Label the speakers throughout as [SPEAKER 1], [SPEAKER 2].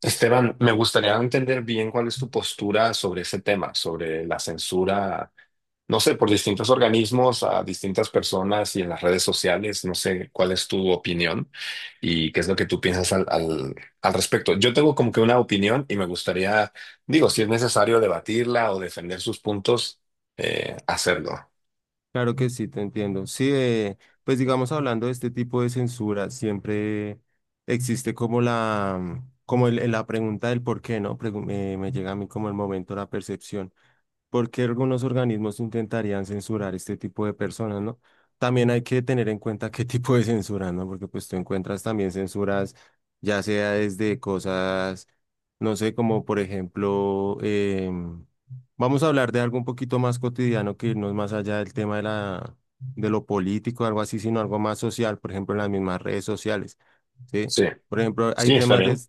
[SPEAKER 1] Esteban, me gustaría entender bien cuál es tu postura sobre ese tema, sobre la censura, no sé, por distintos organismos a distintas personas y en las redes sociales. No sé cuál es tu opinión y qué es lo que tú piensas al respecto. Yo tengo como que una opinión y me gustaría, digo, si es necesario debatirla o defender sus puntos, hacerlo.
[SPEAKER 2] Claro que sí, te entiendo. Sí, pues digamos, hablando de este tipo de censura, siempre existe como la pregunta del por qué, ¿no? Me llega a mí como el momento, la percepción porque algunos organismos intentarían censurar este tipo de personas, ¿no? También hay que tener en cuenta qué tipo de censura, ¿no? Porque pues tú encuentras también censuras, ya sea desde cosas, no sé, como por ejemplo, vamos a hablar de algo un poquito más cotidiano que irnos más allá del tema de de lo político, algo así, sino algo más social, por ejemplo, en las mismas redes sociales, ¿sí?
[SPEAKER 1] Sí,
[SPEAKER 2] Por ejemplo,
[SPEAKER 1] sí, está bien.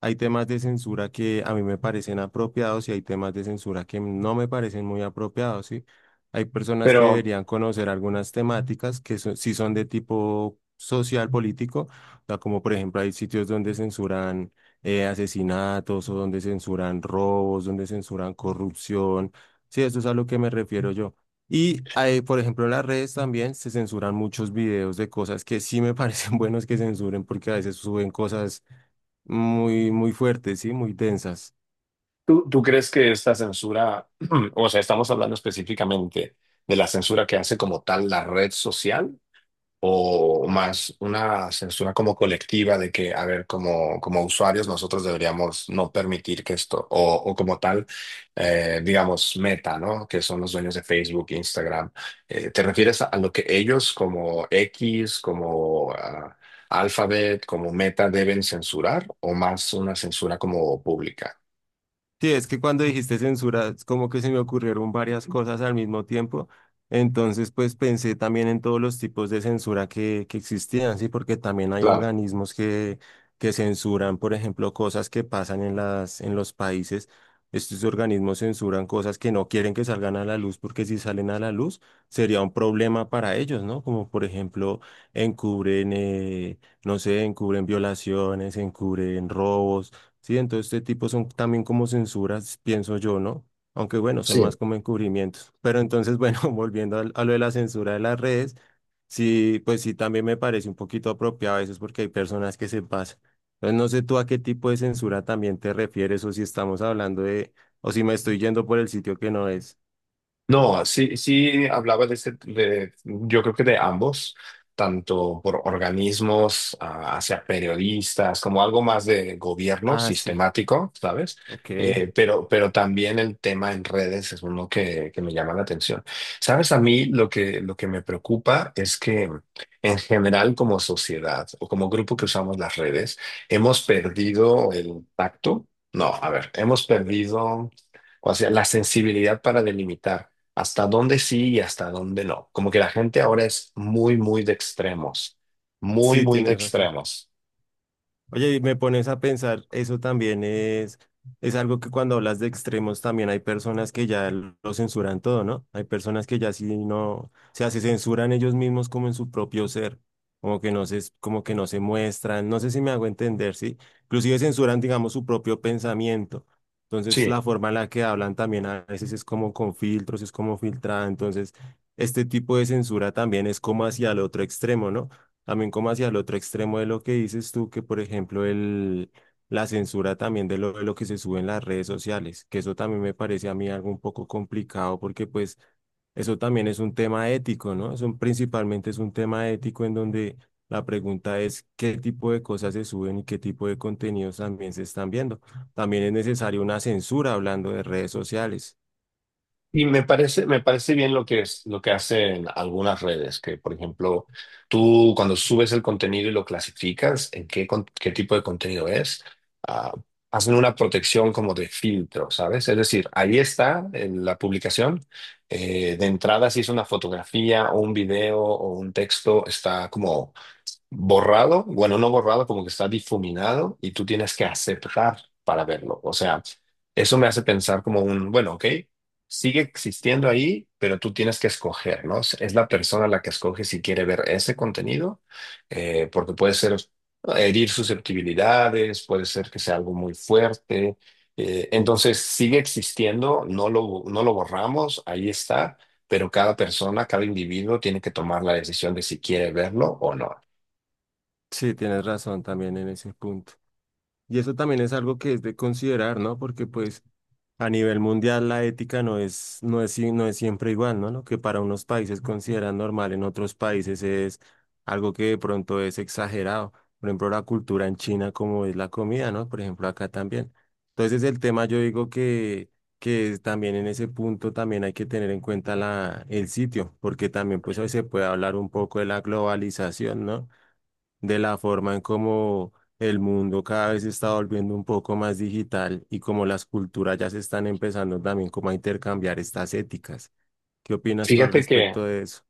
[SPEAKER 2] hay temas de censura que a mí me parecen apropiados y hay temas de censura que no me parecen muy apropiados, ¿sí? Hay personas que
[SPEAKER 1] Pero
[SPEAKER 2] deberían conocer algunas temáticas que sí son de tipo social, político, o sea, como por ejemplo hay sitios donde censuran asesinatos o donde censuran robos, donde censuran corrupción, sí, eso es a lo que me refiero yo. Y hay, por ejemplo, en las redes también se censuran muchos videos de cosas que sí me parecen buenos que censuren porque a veces suben cosas muy, muy fuertes, ¿sí? Muy densas.
[SPEAKER 1] ¿tú crees que esta censura, o sea, estamos hablando específicamente de la censura que hace como tal la red social o más una censura como colectiva de que, a ver, como, como usuarios nosotros deberíamos no permitir que esto, o como tal, digamos, Meta, ¿no? Que son los dueños de Facebook, Instagram. ¿Te refieres a lo que ellos como X, como... Alphabet como Meta deben censurar o más una censura como pública?
[SPEAKER 2] Sí, es que cuando dijiste censura, es como que se me ocurrieron varias cosas al mismo tiempo. Entonces, pues pensé también en todos los tipos de censura que existían, sí, porque también hay
[SPEAKER 1] Claro.
[SPEAKER 2] organismos que censuran, por ejemplo, cosas que pasan en en los países. Estos organismos censuran cosas que no quieren que salgan a la luz, porque si salen a la luz sería un problema para ellos, ¿no? Como por ejemplo, encubren, no sé, encubren violaciones, encubren robos. Sí, entonces este tipo son también como censuras, pienso yo, ¿no? Aunque bueno, son más
[SPEAKER 1] Sí,
[SPEAKER 2] como encubrimientos. Pero entonces, bueno, volviendo lo de la censura de las redes, sí, pues sí, también me parece un poquito apropiado a veces porque hay personas que se pasan. Entonces, no sé tú a qué tipo de censura también te refieres o si estamos hablando de, o si me estoy yendo por el sitio que no es.
[SPEAKER 1] no, sí, sí hablaba de ese, de- yo creo que de ambos, tanto por organismos, hacia periodistas, como algo más de gobierno
[SPEAKER 2] Ah, sí,
[SPEAKER 1] sistemático, ¿sabes?
[SPEAKER 2] ok.
[SPEAKER 1] Pero también el tema en redes es uno que me llama la atención. ¿Sabes? A mí lo que me preocupa es que en general como sociedad o como grupo que usamos las redes, hemos perdido el tacto. No, a ver, hemos perdido, o sea, la sensibilidad para delimitar hasta dónde sí y hasta dónde no. Como que la gente ahora es muy, muy de extremos, muy,
[SPEAKER 2] Sí,
[SPEAKER 1] muy de
[SPEAKER 2] tienes razón.
[SPEAKER 1] extremos.
[SPEAKER 2] Oye, y me pones a pensar, eso también es algo que cuando hablas de extremos también hay personas que ya lo censuran todo, ¿no? Hay personas que ya sí no, o sea, se censuran ellos mismos como en su propio ser, como que no se, como que no se muestran, no sé si me hago entender, ¿sí? Inclusive censuran, digamos, su propio pensamiento. Entonces, la
[SPEAKER 1] Sí,
[SPEAKER 2] forma en la que hablan también a veces es como con filtros, es como filtrada. Entonces, este tipo de censura también es como hacia el otro extremo, ¿no? También como hacia el otro extremo de lo que dices tú, que por ejemplo la censura también de de lo que se sube en las redes sociales, que eso también me parece a mí algo un poco complicado porque pues eso también es un tema ético, ¿no? Eso principalmente es un tema ético en donde la pregunta es qué tipo de cosas se suben y qué tipo de contenidos también se están viendo. También es necesaria una censura hablando de redes sociales.
[SPEAKER 1] y me parece bien lo que es, lo que hacen algunas redes, que por ejemplo, tú cuando subes el contenido y lo clasificas, en qué, con- qué tipo de contenido es, ah, hacen una protección como de filtro, ¿sabes? Es decir, ahí está en la publicación. De entrada, si es una fotografía o un video o un texto, está como borrado, bueno, no borrado, como que está difuminado y tú tienes que aceptar para verlo. O sea, eso me hace pensar como un, bueno, ok, sigue existiendo ahí, pero tú tienes que escoger, ¿no? Es la persona la que escoge si quiere ver ese contenido, porque puede ser herir susceptibilidades, puede ser que sea algo muy fuerte. Entonces, sigue existiendo, no lo borramos, ahí está, pero cada persona, cada individuo tiene que tomar la decisión de si quiere verlo o no.
[SPEAKER 2] Sí, tienes razón también en ese punto. Y eso también es algo que es de considerar, ¿no? Porque pues... A nivel mundial, la ética no es siempre igual, ¿no? Lo que para unos países consideran normal, en otros países es algo que de pronto es exagerado. Por ejemplo, la cultura en China, como es la comida, ¿no? Por ejemplo, acá también. Entonces, el tema yo digo que es también en ese punto también hay que tener en cuenta el sitio, porque también pues hoy se puede hablar un poco de la globalización, ¿no? De la forma en cómo el mundo cada vez se está volviendo un poco más digital y como las culturas ya se están empezando también como a intercambiar estas éticas. ¿Qué opinas tú al
[SPEAKER 1] Fíjate que,
[SPEAKER 2] respecto de eso?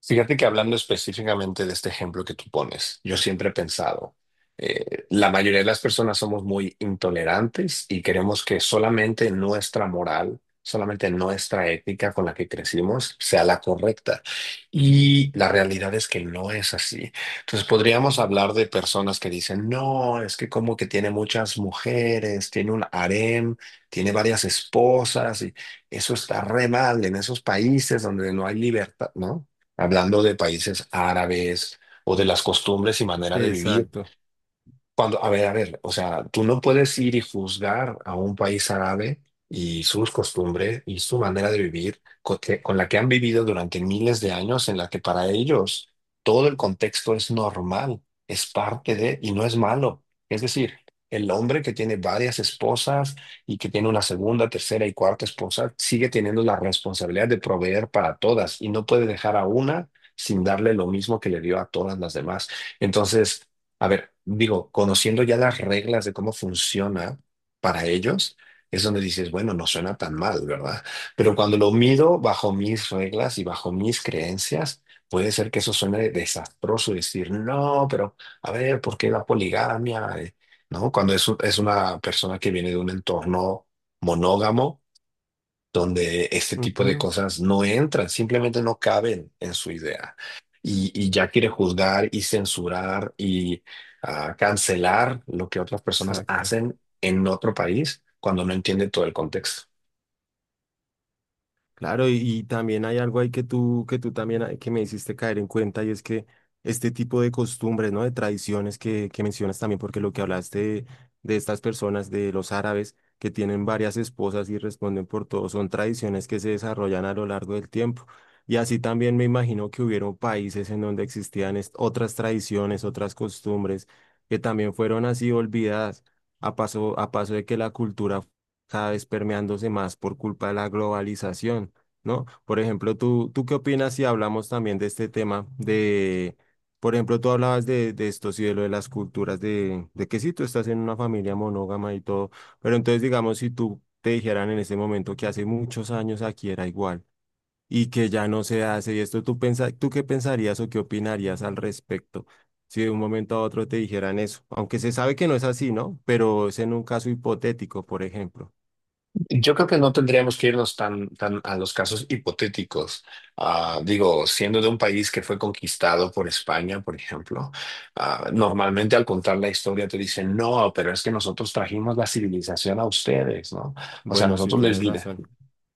[SPEAKER 1] Fíjate que hablando específicamente de este ejemplo que tú pones, yo siempre he pensado, la mayoría de las personas somos muy intolerantes y queremos que solamente nuestra moral, solamente nuestra ética con la que crecimos sea la correcta. Y la realidad es que no es así. Entonces podríamos hablar de personas que dicen, no, es que como que tiene muchas mujeres, tiene un harem, tiene varias esposas y eso está re mal en esos países donde no hay libertad, ¿no? Hablando de países árabes o de las costumbres y manera de vivir.
[SPEAKER 2] Exacto.
[SPEAKER 1] Cuando, a ver, o sea, tú no puedes ir y juzgar a un país árabe y sus costumbres y su manera de vivir la que han vivido durante miles de años, en la que para ellos todo el contexto es normal, es parte de y no es malo. Es decir, el hombre que tiene varias esposas y que tiene una segunda, tercera y cuarta esposa sigue teniendo la responsabilidad de proveer para todas y no puede dejar a una sin darle lo mismo que le dio a todas las demás. Entonces, a ver, digo, conociendo ya las reglas de cómo funciona para ellos, es donde dices, bueno, no suena tan mal, ¿verdad? Pero cuando lo mido bajo mis reglas y bajo mis creencias, puede ser que eso suene desastroso y decir, no, pero a ver, ¿por qué la poligamia? ¿No? Cuando es, es una persona que viene de un entorno monógamo donde este tipo de
[SPEAKER 2] Ujú.
[SPEAKER 1] cosas no entran, simplemente no caben en su idea. Y ya quiere juzgar y censurar y cancelar lo que otras personas
[SPEAKER 2] Exacto.
[SPEAKER 1] hacen en otro país cuando no entiende todo el contexto.
[SPEAKER 2] Claro, y también hay algo ahí que tú también hay- que me hiciste caer en cuenta y es que este tipo de costumbres, ¿no? De tradiciones que mencionas también, porque lo que hablaste de estas personas, de los árabes, que tienen varias esposas y responden por todo, son tradiciones que se desarrollan a lo largo del tiempo. Y así también me imagino que hubieron países en donde otras tradiciones, otras costumbres, que también fueron así olvidadas a paso de que la cultura cada vez permeándose más por culpa de la globalización. ¿No? Por ejemplo, ¿tú qué opinas si hablamos también de este tema de, por ejemplo, tú hablabas de esto, sí, de lo de las culturas, de que sí, tú estás en una familia monógama y todo, pero entonces, digamos, si tú te dijeran en ese momento que hace muchos años aquí era igual y que ya no se hace y esto, tú qué pensarías o qué opinarías al respecto? Si de un momento a otro te dijeran eso, aunque se sabe que no es así, ¿no? Pero es en un caso hipotético, por ejemplo.
[SPEAKER 1] Yo creo que no tendríamos que irnos tan, tan a los casos hipotéticos. Digo, siendo de un país que fue conquistado por España, por ejemplo, normalmente al contar la historia te dicen, no, pero es que nosotros trajimos la civilización a ustedes, ¿no? O sea,
[SPEAKER 2] Bueno, sí, tienes razón.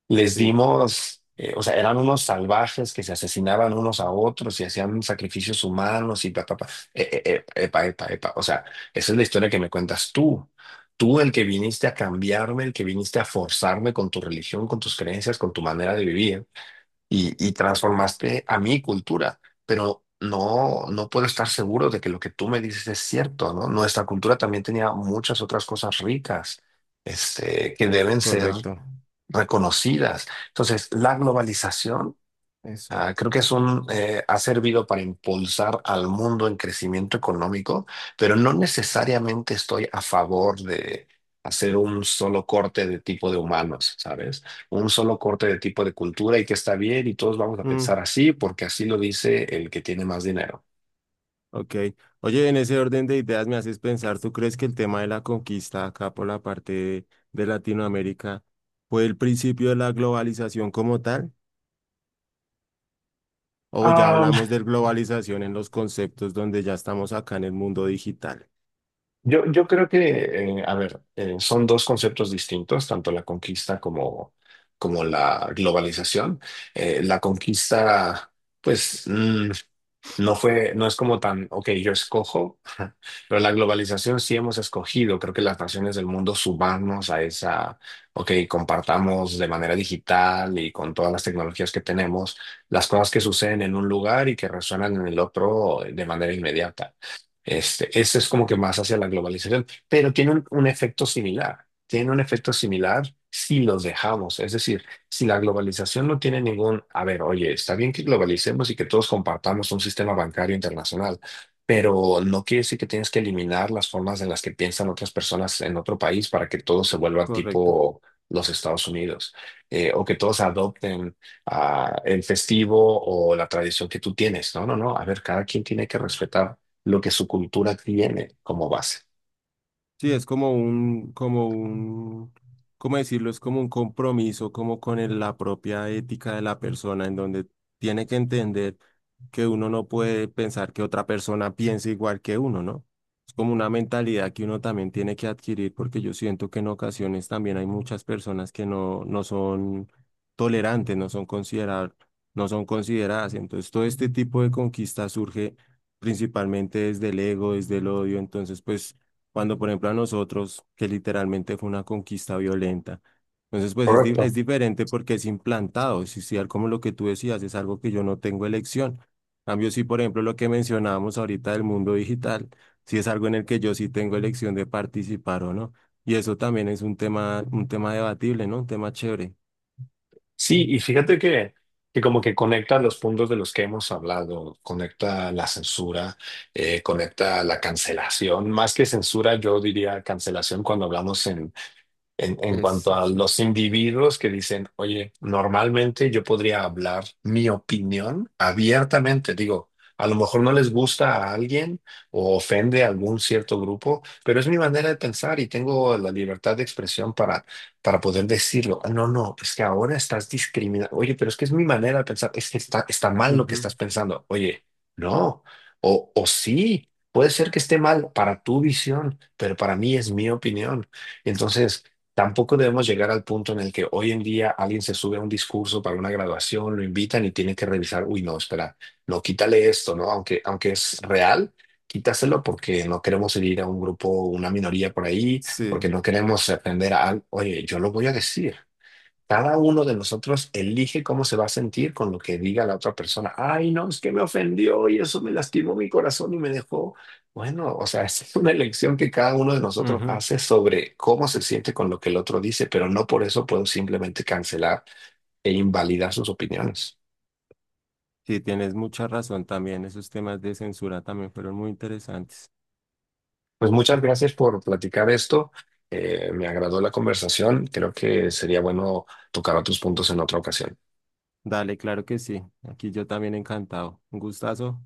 [SPEAKER 1] les
[SPEAKER 2] Sí,
[SPEAKER 1] dimos, o sea, eran unos salvajes que se asesinaban unos a otros y hacían sacrificios humanos y pa, pa, pa. Epa, epa, epa. O sea, esa es la historia que me cuentas tú. Tú, el que viniste a cambiarme, el que viniste a forzarme con tu religión, con tus creencias, con tu manera de vivir y transformaste a mi cultura. Pero no, no puedo estar seguro de que lo que tú me dices es cierto, ¿no? Nuestra cultura también tenía muchas otras cosas ricas, este, que deben ser
[SPEAKER 2] correcto.
[SPEAKER 1] reconocidas. Entonces, la globalización,
[SPEAKER 2] Eso.
[SPEAKER 1] creo que ha servido para impulsar al mundo en crecimiento económico, pero no necesariamente estoy a favor de hacer un solo corte de tipo de humanos, ¿sabes? Un solo corte de tipo de cultura y que está bien y todos vamos a pensar
[SPEAKER 2] Mm,
[SPEAKER 1] así porque así lo dice el que tiene más dinero.
[SPEAKER 2] ok. Oye, en ese orden de ideas me haces pensar, ¿tú crees que el tema de la conquista acá por la parte de Latinoamérica fue el principio de la globalización como tal? ¿O ya hablamos de globalización en los conceptos donde ya estamos acá en el mundo digital?
[SPEAKER 1] Yo creo que, a ver, son dos conceptos distintos, tanto la conquista como, como la globalización. La conquista, pues, no fue, no es como tan, ok, yo escojo, pero la globalización sí hemos escogido. Creo que las naciones del mundo subamos a esa, ok, compartamos de manera digital y con todas las tecnologías que tenemos, las cosas que suceden en un lugar y que resuenan en el otro de manera inmediata. Este, ese es como que más hacia la globalización, pero tiene un efecto similar. Tiene un efecto similar si los dejamos. Es decir, si la globalización no tiene ningún, a ver, oye, está bien que globalicemos y que todos compartamos un sistema bancario internacional, pero no quiere decir que tienes que eliminar las formas en las que piensan otras personas en otro país para que todo se vuelva
[SPEAKER 2] Correcto.
[SPEAKER 1] tipo los Estados Unidos, o que todos adopten el festivo o la tradición que tú tienes. No, no, no. A ver, cada quien tiene que respetar lo que su cultura tiene como base.
[SPEAKER 2] Sí, es como un, ¿cómo decirlo? Es como un compromiso, como con la propia ética de la persona, en donde tiene que entender que uno no puede pensar que otra persona piense igual que uno, ¿no? Es como una mentalidad que uno también tiene que adquirir, porque yo siento que en ocasiones también hay muchas personas que no son tolerantes, no son considerar, no son consideradas. Entonces, todo este tipo de conquista surge principalmente desde el ego, desde el odio. Entonces, pues cuando por ejemplo a nosotros, que literalmente fue una conquista violenta. Entonces, pues
[SPEAKER 1] Correcto.
[SPEAKER 2] es diferente porque es implantado, es social como lo que tú decías, es algo que yo no tengo elección. En cambio, sí, por ejemplo, lo que mencionábamos ahorita del mundo digital, sí es algo en el que yo sí tengo elección de participar o no. Y eso también es un tema debatible, ¿no? Un tema chévere.
[SPEAKER 1] Sí, y fíjate que como que conecta los puntos de los que hemos hablado, conecta la censura, conecta la cancelación, más que censura, yo diría cancelación cuando hablamos en
[SPEAKER 2] Es,
[SPEAKER 1] cuanto a
[SPEAKER 2] sí.
[SPEAKER 1] los individuos que dicen, oye, normalmente yo podría hablar mi opinión abiertamente, digo, a lo mejor no les gusta a alguien o ofende a algún cierto grupo, pero es mi manera de pensar y tengo la libertad de expresión para poder decirlo. "Ah, no, no, es que ahora estás discriminando. Oye, pero es que es mi manera de pensar, es que está, está mal lo que
[SPEAKER 2] Ujú.
[SPEAKER 1] estás pensando. Oye, no, o sí. Puede ser que esté mal para tu visión, pero para mí es mi opinión. Entonces, tampoco debemos llegar al punto en el que hoy en día alguien se sube a un discurso para una graduación, lo invitan y tiene que revisar, uy, no, espera, no, quítale esto, ¿no? Aunque, aunque es real, quítaselo porque no queremos herir a un grupo, una minoría por ahí,
[SPEAKER 2] Sí.
[SPEAKER 1] porque no queremos ofender a alguien. Oye, yo lo voy a decir. Cada uno de nosotros elige cómo se va a sentir con lo que diga la otra persona. Ay, no, es que me ofendió y eso me lastimó mi corazón y me dejó. Bueno, o sea, esa es una elección que cada uno de nosotros
[SPEAKER 2] Ujú.
[SPEAKER 1] hace sobre cómo se siente con lo que el otro dice, pero no por eso puedo simplemente cancelar e invalidar sus opiniones.
[SPEAKER 2] Sí, tienes mucha razón también. Esos temas de censura también fueron muy interesantes.
[SPEAKER 1] Pues muchas gracias por platicar esto. Me agradó la conversación. Creo que sería bueno tocar otros puntos en otra ocasión.
[SPEAKER 2] Dale, claro que sí. Aquí yo también encantado. Un gustazo.